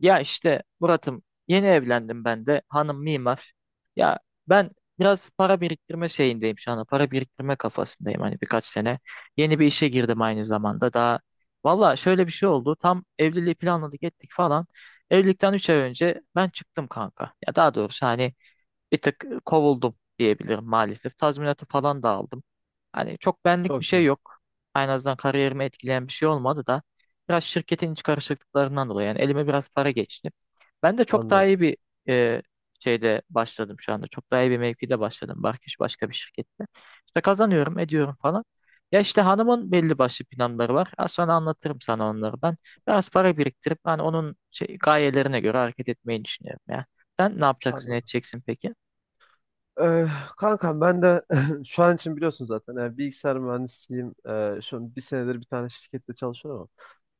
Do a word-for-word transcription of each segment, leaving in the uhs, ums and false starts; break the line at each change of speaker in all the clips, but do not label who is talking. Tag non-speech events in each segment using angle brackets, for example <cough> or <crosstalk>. Ya işte Murat'ım, yeni evlendim ben de. Hanım mimar. Ya ben biraz para biriktirme şeyindeyim şu anda. Para biriktirme kafasındayım hani birkaç sene. Yeni bir işe girdim aynı zamanda. Daha valla şöyle bir şey oldu. Tam evliliği planladık ettik falan. Evlilikten üç ay önce ben çıktım kanka. Ya daha doğrusu hani bir tık kovuldum diyebilirim maalesef. Tazminatı falan da aldım. Hani çok benlik bir
Çok
şey
güzel.
yok. En azından kariyerimi etkileyen bir şey olmadı da biraz şirketin iç karışıklıklarından dolayı yani elime biraz para geçti. Ben de çok daha
Anladım.
iyi bir e, şeyde başladım şu anda. Çok daha iyi bir mevkide başladım. Barkiş başka bir şirkette. İşte kazanıyorum, ediyorum falan. Ya işte hanımın belli başlı planları var. Az sonra anlatırım sana onları ben. Biraz para biriktirip hani onun şey, gayelerine göre hareket etmeyi düşünüyorum ya. Sen ne yapacaksın,
Anladım.
edeceksin peki?
Ee, kankam ben de <laughs> şu an için biliyorsun zaten. Yani bilgisayar mühendisiyim. Ee, şu an bir senedir bir tane şirkette çalışıyorum ama.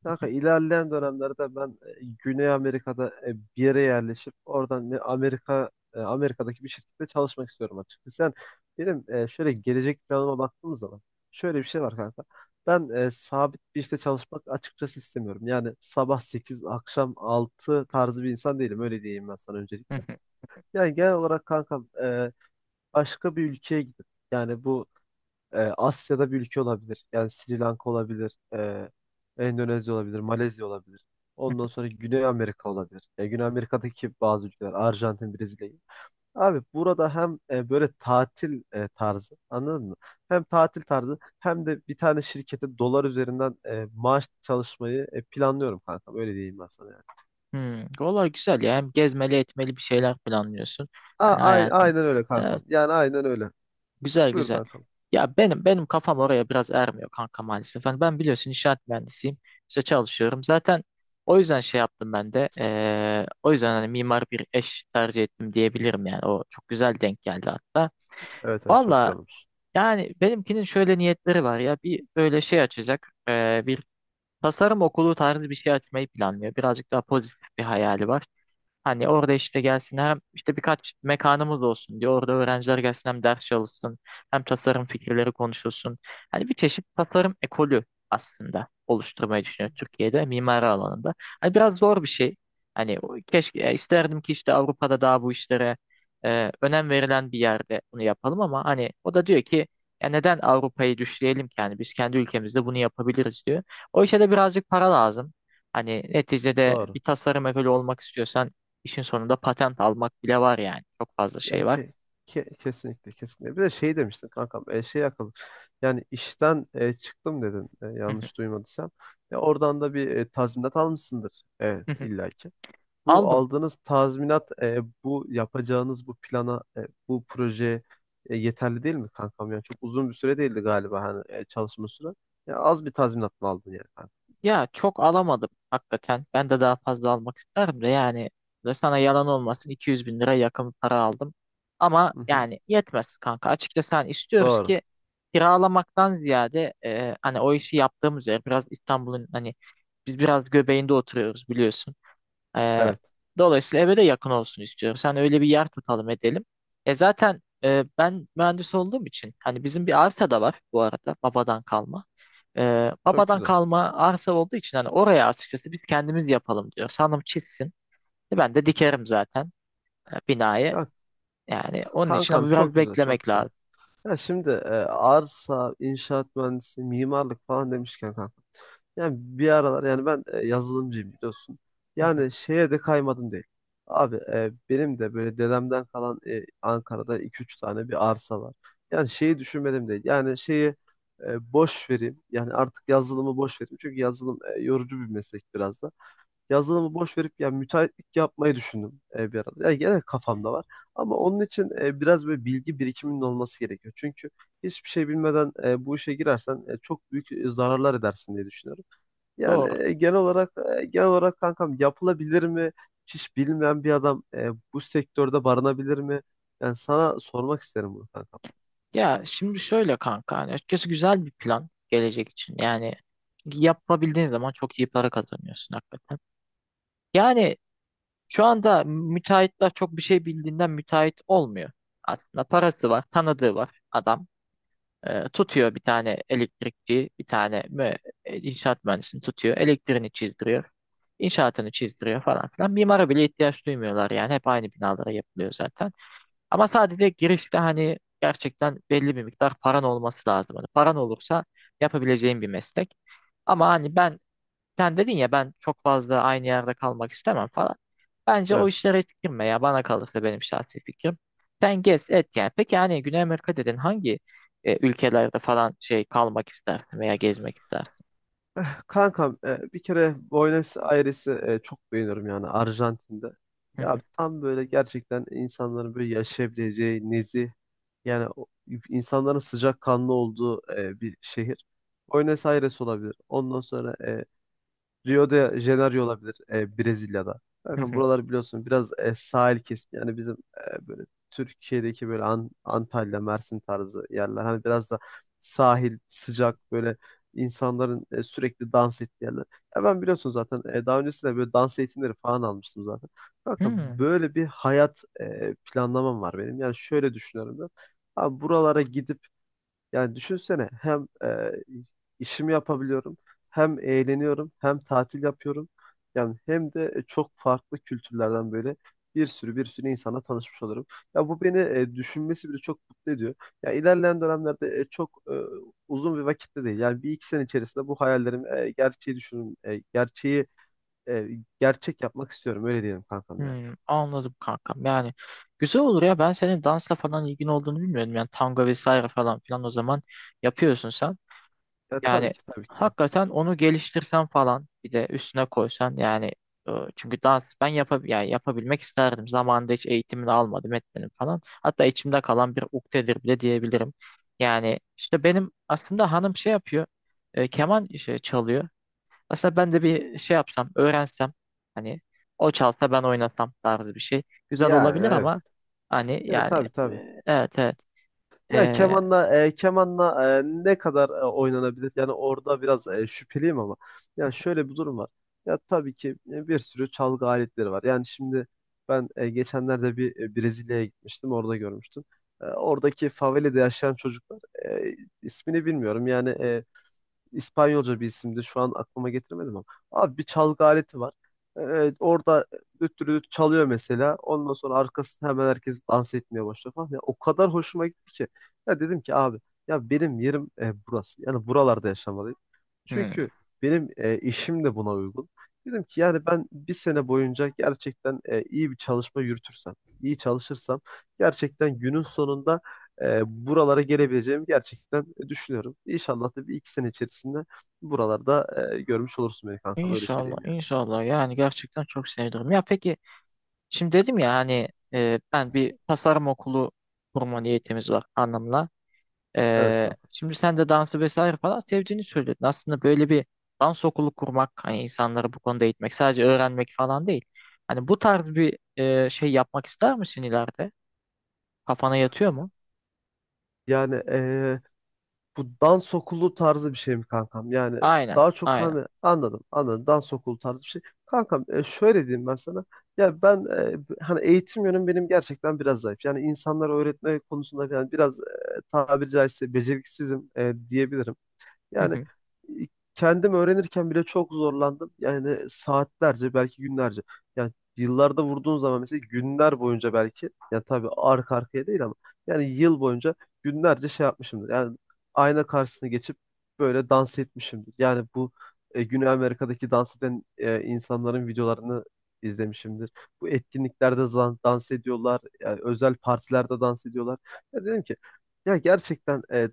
Kanka ilerleyen dönemlerde ben e, Güney Amerika'da e, bir yere yerleşip oradan bir Amerika e, Amerika'daki bir şirkette çalışmak istiyorum açıkçası. Sen benim e, şöyle gelecek planıma baktığımız zaman şöyle bir şey var kanka. Ben e, sabit bir işte çalışmak açıkçası istemiyorum. Yani sabah sekiz akşam altı tarzı bir insan değilim. Öyle diyeyim ben sana
<laughs> Hı
öncelikle.
hı.
Yani genel olarak kankam e, başka bir ülkeye gidip yani bu e, Asya'da bir ülke olabilir. Yani Sri Lanka olabilir, e, Endonezya olabilir, Malezya olabilir. Ondan sonra Güney Amerika olabilir. E, Güney Amerika'daki bazı ülkeler Arjantin, Brezilya. Abi burada hem e, böyle tatil e, tarzı anladın mı? Hem tatil tarzı hem de bir tane şirkete dolar üzerinden e, maaş çalışmayı e, planlıyorum kankam. Öyle diyeyim ben sana yani.
Hmm, vallahi güzel ya. Hem gezmeli etmeli bir şeyler planlıyorsun.
A-
Hani
ay-
hayatın.
aynen öyle
Evet,
kankam. Yani aynen öyle.
güzel
Buyur
güzel.
kankam.
Ya benim benim kafam oraya biraz ermiyor kanka maalesef. Hani ben biliyorsun inşaat mühendisiyim. İşte çalışıyorum. Zaten o yüzden şey yaptım ben de. Eee, o yüzden hani mimar bir eş tercih ettim diyebilirim yani. O çok güzel denk geldi hatta.
Evet, evet, çok
Valla
güzel olmuş.
yani benimkinin şöyle niyetleri var ya. Bir böyle şey açacak. Eee, bir tasarım okulu tarzı bir şey açmayı planlıyor. Birazcık daha pozitif bir hayali var. Hani orada işte gelsin hem işte birkaç mekanımız olsun diye orada öğrenciler gelsin hem ders çalışsın hem tasarım fikirleri konuşulsun. Hani bir çeşit tasarım ekolü aslında oluşturmayı düşünüyor Türkiye'de mimari alanında. Hani biraz zor bir şey. Hani o- keşke e, isterdim ki işte Avrupa'da daha bu işlere e, önem verilen bir yerde bunu yapalım ama hani o da diyor ki ya neden Avrupa'yı düşleyelim ki yani biz kendi ülkemizde bunu yapabiliriz diyor. O işe de birazcık para lazım. Hani neticede
Doğru.
bir tasarım ekolü olmak istiyorsan İşin sonunda patent almak bile var yani. Çok fazla
Ya
şey var.
ke, ke- kesinlikle kesinlikle. Bir de şey demiştin kankam e, şey yakaladım. Yani işten e, çıktım dedin e,
Hı hı,
yanlış duymadıysam. Ya oradan da bir e, tazminat almışsındır e,
hı hı.
illaki. Bu
Aldım.
aldığınız tazminat e, bu yapacağınız bu plana e, bu projeye e, yeterli değil mi kankam? Yani çok uzun bir süre değildi galiba hani e, çalışma süre. Ya az bir tazminat mı aldın yani? Kanka?
Ya çok alamadım hakikaten. Ben de daha fazla almak isterim de yani ve sana yalan olmasın iki yüz bin lira yakın para aldım. Ama
Hı hı.
yani yetmez kanka. Açıkçası hani istiyoruz
Doğru.
ki kiralamaktan ziyade e, hani o işi yaptığımız yer biraz İstanbul'un hani biz biraz göbeğinde oturuyoruz biliyorsun. Ee,
Evet.
Dolayısıyla eve de yakın olsun istiyorum. Sen öyle bir yer tutalım edelim. E zaten e, ben mühendis olduğum için hani bizim bir arsa da var bu arada babadan kalma. Ee,
Çok
babadan
güzel.
kalma arsa olduğu için hani oraya açıkçası biz kendimiz yapalım diyor. Hanım çizsin. E, Ben de dikerim zaten e, binayı.
Ya
Yani onun için
kankam
ama biraz
çok güzel, çok
beklemek
güzel.
lazım.
Ya şimdi e, arsa, inşaat mühendisi, mimarlık falan demişken kanka. Yani bir aralar yani ben e, yazılımcıyım biliyorsun.
Hı hı.
Yani şeye de kaymadım değil. Abi e, benim de böyle dedemden kalan e, Ankara'da iki üç tane bir arsa var. Yani şeyi düşünmedim değil. Yani şeyi e, boş vereyim. Yani artık yazılımı boş vereyim. Çünkü yazılım e, yorucu bir meslek biraz da yazılımı boş verip yani müteahhitlik yapmayı düşündüm e, bir arada. Yani genel kafamda var. Ama onun için e, biraz böyle bilgi birikiminin olması gerekiyor. Çünkü hiçbir şey bilmeden e, bu işe girersen e, çok büyük e, zararlar edersin diye düşünüyorum.
Doğru.
Yani e, genel olarak e, genel olarak kankam yapılabilir mi? Hiç bilmeyen bir adam e, bu sektörde barınabilir mi? Yani sana sormak isterim bunu kankam.
Ya şimdi şöyle kanka hani açıkçası güzel bir plan gelecek için. Yani yapabildiğin zaman çok iyi para kazanıyorsun hakikaten. Yani şu anda müteahhitler çok bir şey bildiğinden müteahhit olmuyor. Aslında parası var, tanıdığı var adam. Ee, tutuyor bir tane elektrikçi, bir tane mü e, inşaat mühendisini tutuyor. Elektriğini çizdiriyor, inşaatını çizdiriyor falan filan. Mimara bile ihtiyaç duymuyorlar yani. Hep aynı binalara yapılıyor zaten. Ama sadece girişte hani gerçekten belli bir miktar paran olması lazım. Hani paran olursa yapabileceğin bir meslek. Ama hani ben sen dedin ya ben çok fazla aynı yerde kalmak istemem falan. Bence o
Evet.
işlere hiç girme ya, bana kalırsa benim şahsi fikrim. Sen gez et yani. Peki yani Güney Amerika dedin hangi e, ülkelerde falan şey kalmak istersin veya gezmek istersin?
Kankam e, bir kere Buenos Aires'i e, çok beğeniyorum yani Arjantin'de.
Hı
Ya
hı,
tam böyle gerçekten insanların böyle yaşayabileceği nezih yani o- insanların sıcakkanlı olduğu e, bir şehir. Buenos Aires olabilir. Ondan sonra e, Rio de Janeiro olabilir e, Brezilya'da.
hı
Bakın
hı.
buralar biliyorsun biraz e, sahil kesimi. Yani bizim e, böyle Türkiye'deki böyle An- Antalya, Mersin tarzı yerler. Hani biraz da sahil, sıcak böyle insanların e, sürekli dans ettiği yerler. Ya ben biliyorsun zaten e, daha öncesinde böyle dans eğitimleri falan almıştım zaten. Bakın
Hmm,
böyle bir hayat e, planlamam var benim. Yani şöyle düşünüyorum ben. Abi buralara gidip yani düşünsene hem e, işimi yapabiliyorum, hem eğleniyorum, hem tatil yapıyorum. Yani hem de e, çok farklı kültürlerden böyle bir sürü bir sürü insana tanışmış olurum. Ya bu beni e, düşünmesi bile çok mutlu ediyor. Ya ilerleyen dönemlerde e, çok e, uzun bir vakitte değil. Yani bir iki sene içerisinde bu hayallerimi e, gerçeği düşünün, e, gerçeği e, gerçek yapmak istiyorum. Öyle diyelim kankam yani.
hmm, Anladım kankam. Yani güzel olur ya, ben senin dansla falan ilgin olduğunu bilmiyordum. Yani tango vesaire falan filan o zaman yapıyorsun sen.
Ya tabii
Yani
ki tabii ki kankam.
hakikaten onu geliştirsen falan bir de üstüne koysan yani e, çünkü dans ben yapab yani yapabilmek isterdim. Zamanında hiç eğitimini almadım etmedim falan. Hatta içimde kalan bir ukdedir bile diyebilirim. Yani işte benim aslında hanım şey yapıyor. E, keman şey çalıyor. Aslında ben de bir şey yapsam, öğrensem hani o çalsa ben oynasam tarzı bir şey. Güzel
Yani
olabilir
evet.
ama hani
Ya
yani
tabii
e,
tabii.
evet evet.
Ya
E,
kemanla e, kemanla e, ne kadar e, oynanabilir? Yani orada biraz e, şüpheliyim ama. Yani şöyle bir durum var. Ya tabii ki e, bir sürü çalgı aletleri var. Yani şimdi ben e, geçenlerde bir e, Brezilya'ya gitmiştim. Orada görmüştüm. E, oradaki favelede yaşayan çocuklar e, ismini bilmiyorum. Yani e, İspanyolca bir isimdi. Şu an aklıma getiremedim ama. Abi bir çalgı aleti var. Ee, orada düt düt düt çalıyor mesela. Ondan sonra arkasında hemen herkes dans etmeye başlıyor falan. Ya, o kadar hoşuma gitti ki. Ya dedim ki abi ya benim yerim e, burası. Yani buralarda yaşamalıyım.
hmm.
Çünkü benim e, işim de buna uygun. Dedim ki yani ben bir sene boyunca gerçekten e, iyi bir çalışma yürütürsem, iyi çalışırsam gerçekten günün sonunda e, buralara gelebileceğimi gerçekten düşünüyorum. İnşallah da bir iki sene içerisinde buralarda e, görmüş olursun beni kanka. Böyle
İnşallah,
söyleyeyim yani.
inşallah. Yani gerçekten çok sevinirim. Ya peki, şimdi dedim ya hani e, ben bir tasarım okulu kurma niyetimiz var anlamına.
Evet
E,
kanka.
şimdi sen de dansı vesaire falan sevdiğini söyledin. Aslında böyle bir dans okulu kurmak, hani insanları bu konuda eğitmek, sadece öğrenmek falan değil. Hani bu tarz bir e, şey yapmak ister misin ileride? Kafana yatıyor mu?
Yani, eee, bu dans okulu tarzı bir şey mi kankam? Yani
Aynen,
daha çok,
aynen.
hani, anladım anladım, dans okulu tarzı bir şey. Kankam e, şöyle diyeyim ben sana. Ya ben e, hani eğitim yönüm benim gerçekten biraz zayıf. Yani insanlara öğretme konusunda yani biraz e, tabiri caizse beceriksizim e, diyebilirim.
Hı
Yani
hı.
e, kendim öğrenirken bile çok zorlandım. Yani saatlerce, belki günlerce. Yani yıllarda vurduğun zaman mesela günler boyunca belki. Yani tabii arka arkaya değil ama. Yani yıl boyunca günlerce şey yapmışımdır. Yani ayna karşısına geçip böyle dans etmişimdir. Yani bu e, Güney Amerika'daki dans eden e, insanların videolarını izlemişimdir. Bu etkinliklerde zan- dans ediyorlar. Yani özel partilerde dans ediyorlar. Ya dedim ki ya gerçekten e,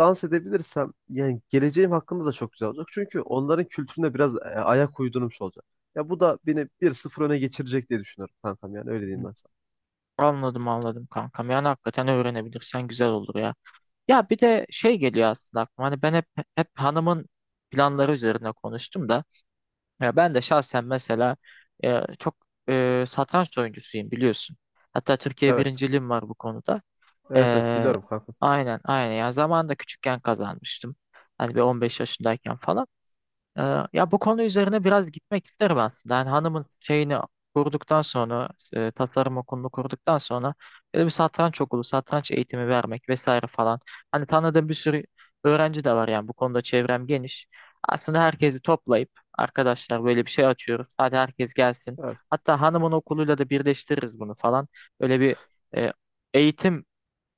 dans edebilirsem yani geleceğim hakkında da çok güzel olacak. Çünkü onların kültürüne biraz e, ayak uydurmuş olacak. Ya bu da beni bir sıfır öne geçirecek diye düşünüyorum kankam, yani öyle diyeyim ben sana.
Anladım, anladım kankam. Yani hakikaten öğrenebilirsen güzel olur ya. Ya bir de şey geliyor aslında aklıma. Hani ben hep hep hanımın planları üzerine konuştum da. Ya ben de şahsen mesela e, çok e, satranç oyuncusuyum biliyorsun. Hatta Türkiye
Evet.
birinciliğim var bu konuda.
Evet, evet,
E,
biliyorum kankam.
aynen aynen. Yani zamanında küçükken kazanmıştım. Hani bir on beş yaşındayken falan. Ee, Ya bu konu üzerine biraz gitmek isterim aslında. Yani hanımın şeyini kurduktan sonra, e, tasarım okulunu kurduktan sonra böyle bir satranç okulu, satranç eğitimi vermek vesaire falan. Hani tanıdığım bir sürü öğrenci de var yani bu konuda çevrem geniş. Aslında herkesi toplayıp arkadaşlar böyle bir şey açıyoruz. Hadi herkes gelsin.
Evet.
Hatta hanımın okuluyla da birleştiririz bunu falan. Böyle bir e, eğitim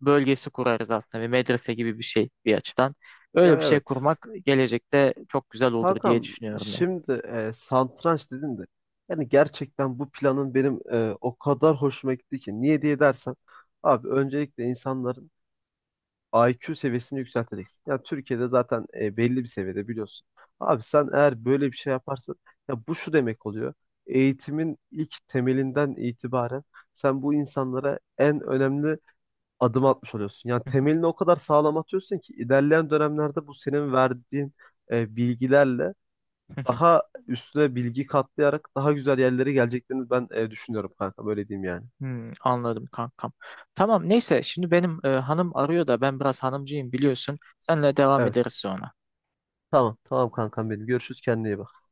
bölgesi kurarız aslında. Bir medrese gibi bir şey bir açıdan.
Ya
Öyle bir şey
evet.
kurmak gelecekte çok güzel olur diye
Kankam,
düşünüyorum ya.
şimdi e, satranç dedin de yani gerçekten bu planın benim e, o kadar hoşuma gitti ki. Niye diye dersen abi, öncelikle insanların I Q seviyesini yükselteceksin. Ya Türkiye'de zaten e, belli bir seviyede biliyorsun. Abi sen eğer böyle bir şey yaparsan ya bu şu demek oluyor. Eğitimin ilk temelinden itibaren sen bu insanlara en önemli adım atmış oluyorsun. Yani temelini o kadar sağlam atıyorsun ki ilerleyen dönemlerde bu senin verdiğin e, bilgilerle
<laughs>
daha üstüne bilgi katlayarak daha güzel yerlere geleceklerini ben e, düşünüyorum kanka. Böyle diyeyim yani.
Hmm, anladım kankam. Tamam neyse şimdi benim e, hanım arıyor da ben biraz hanımcıyım biliyorsun. Senle devam
Evet.
ederiz sonra.
Tamam. Tamam kankam benim. Görüşürüz. Kendine iyi bak.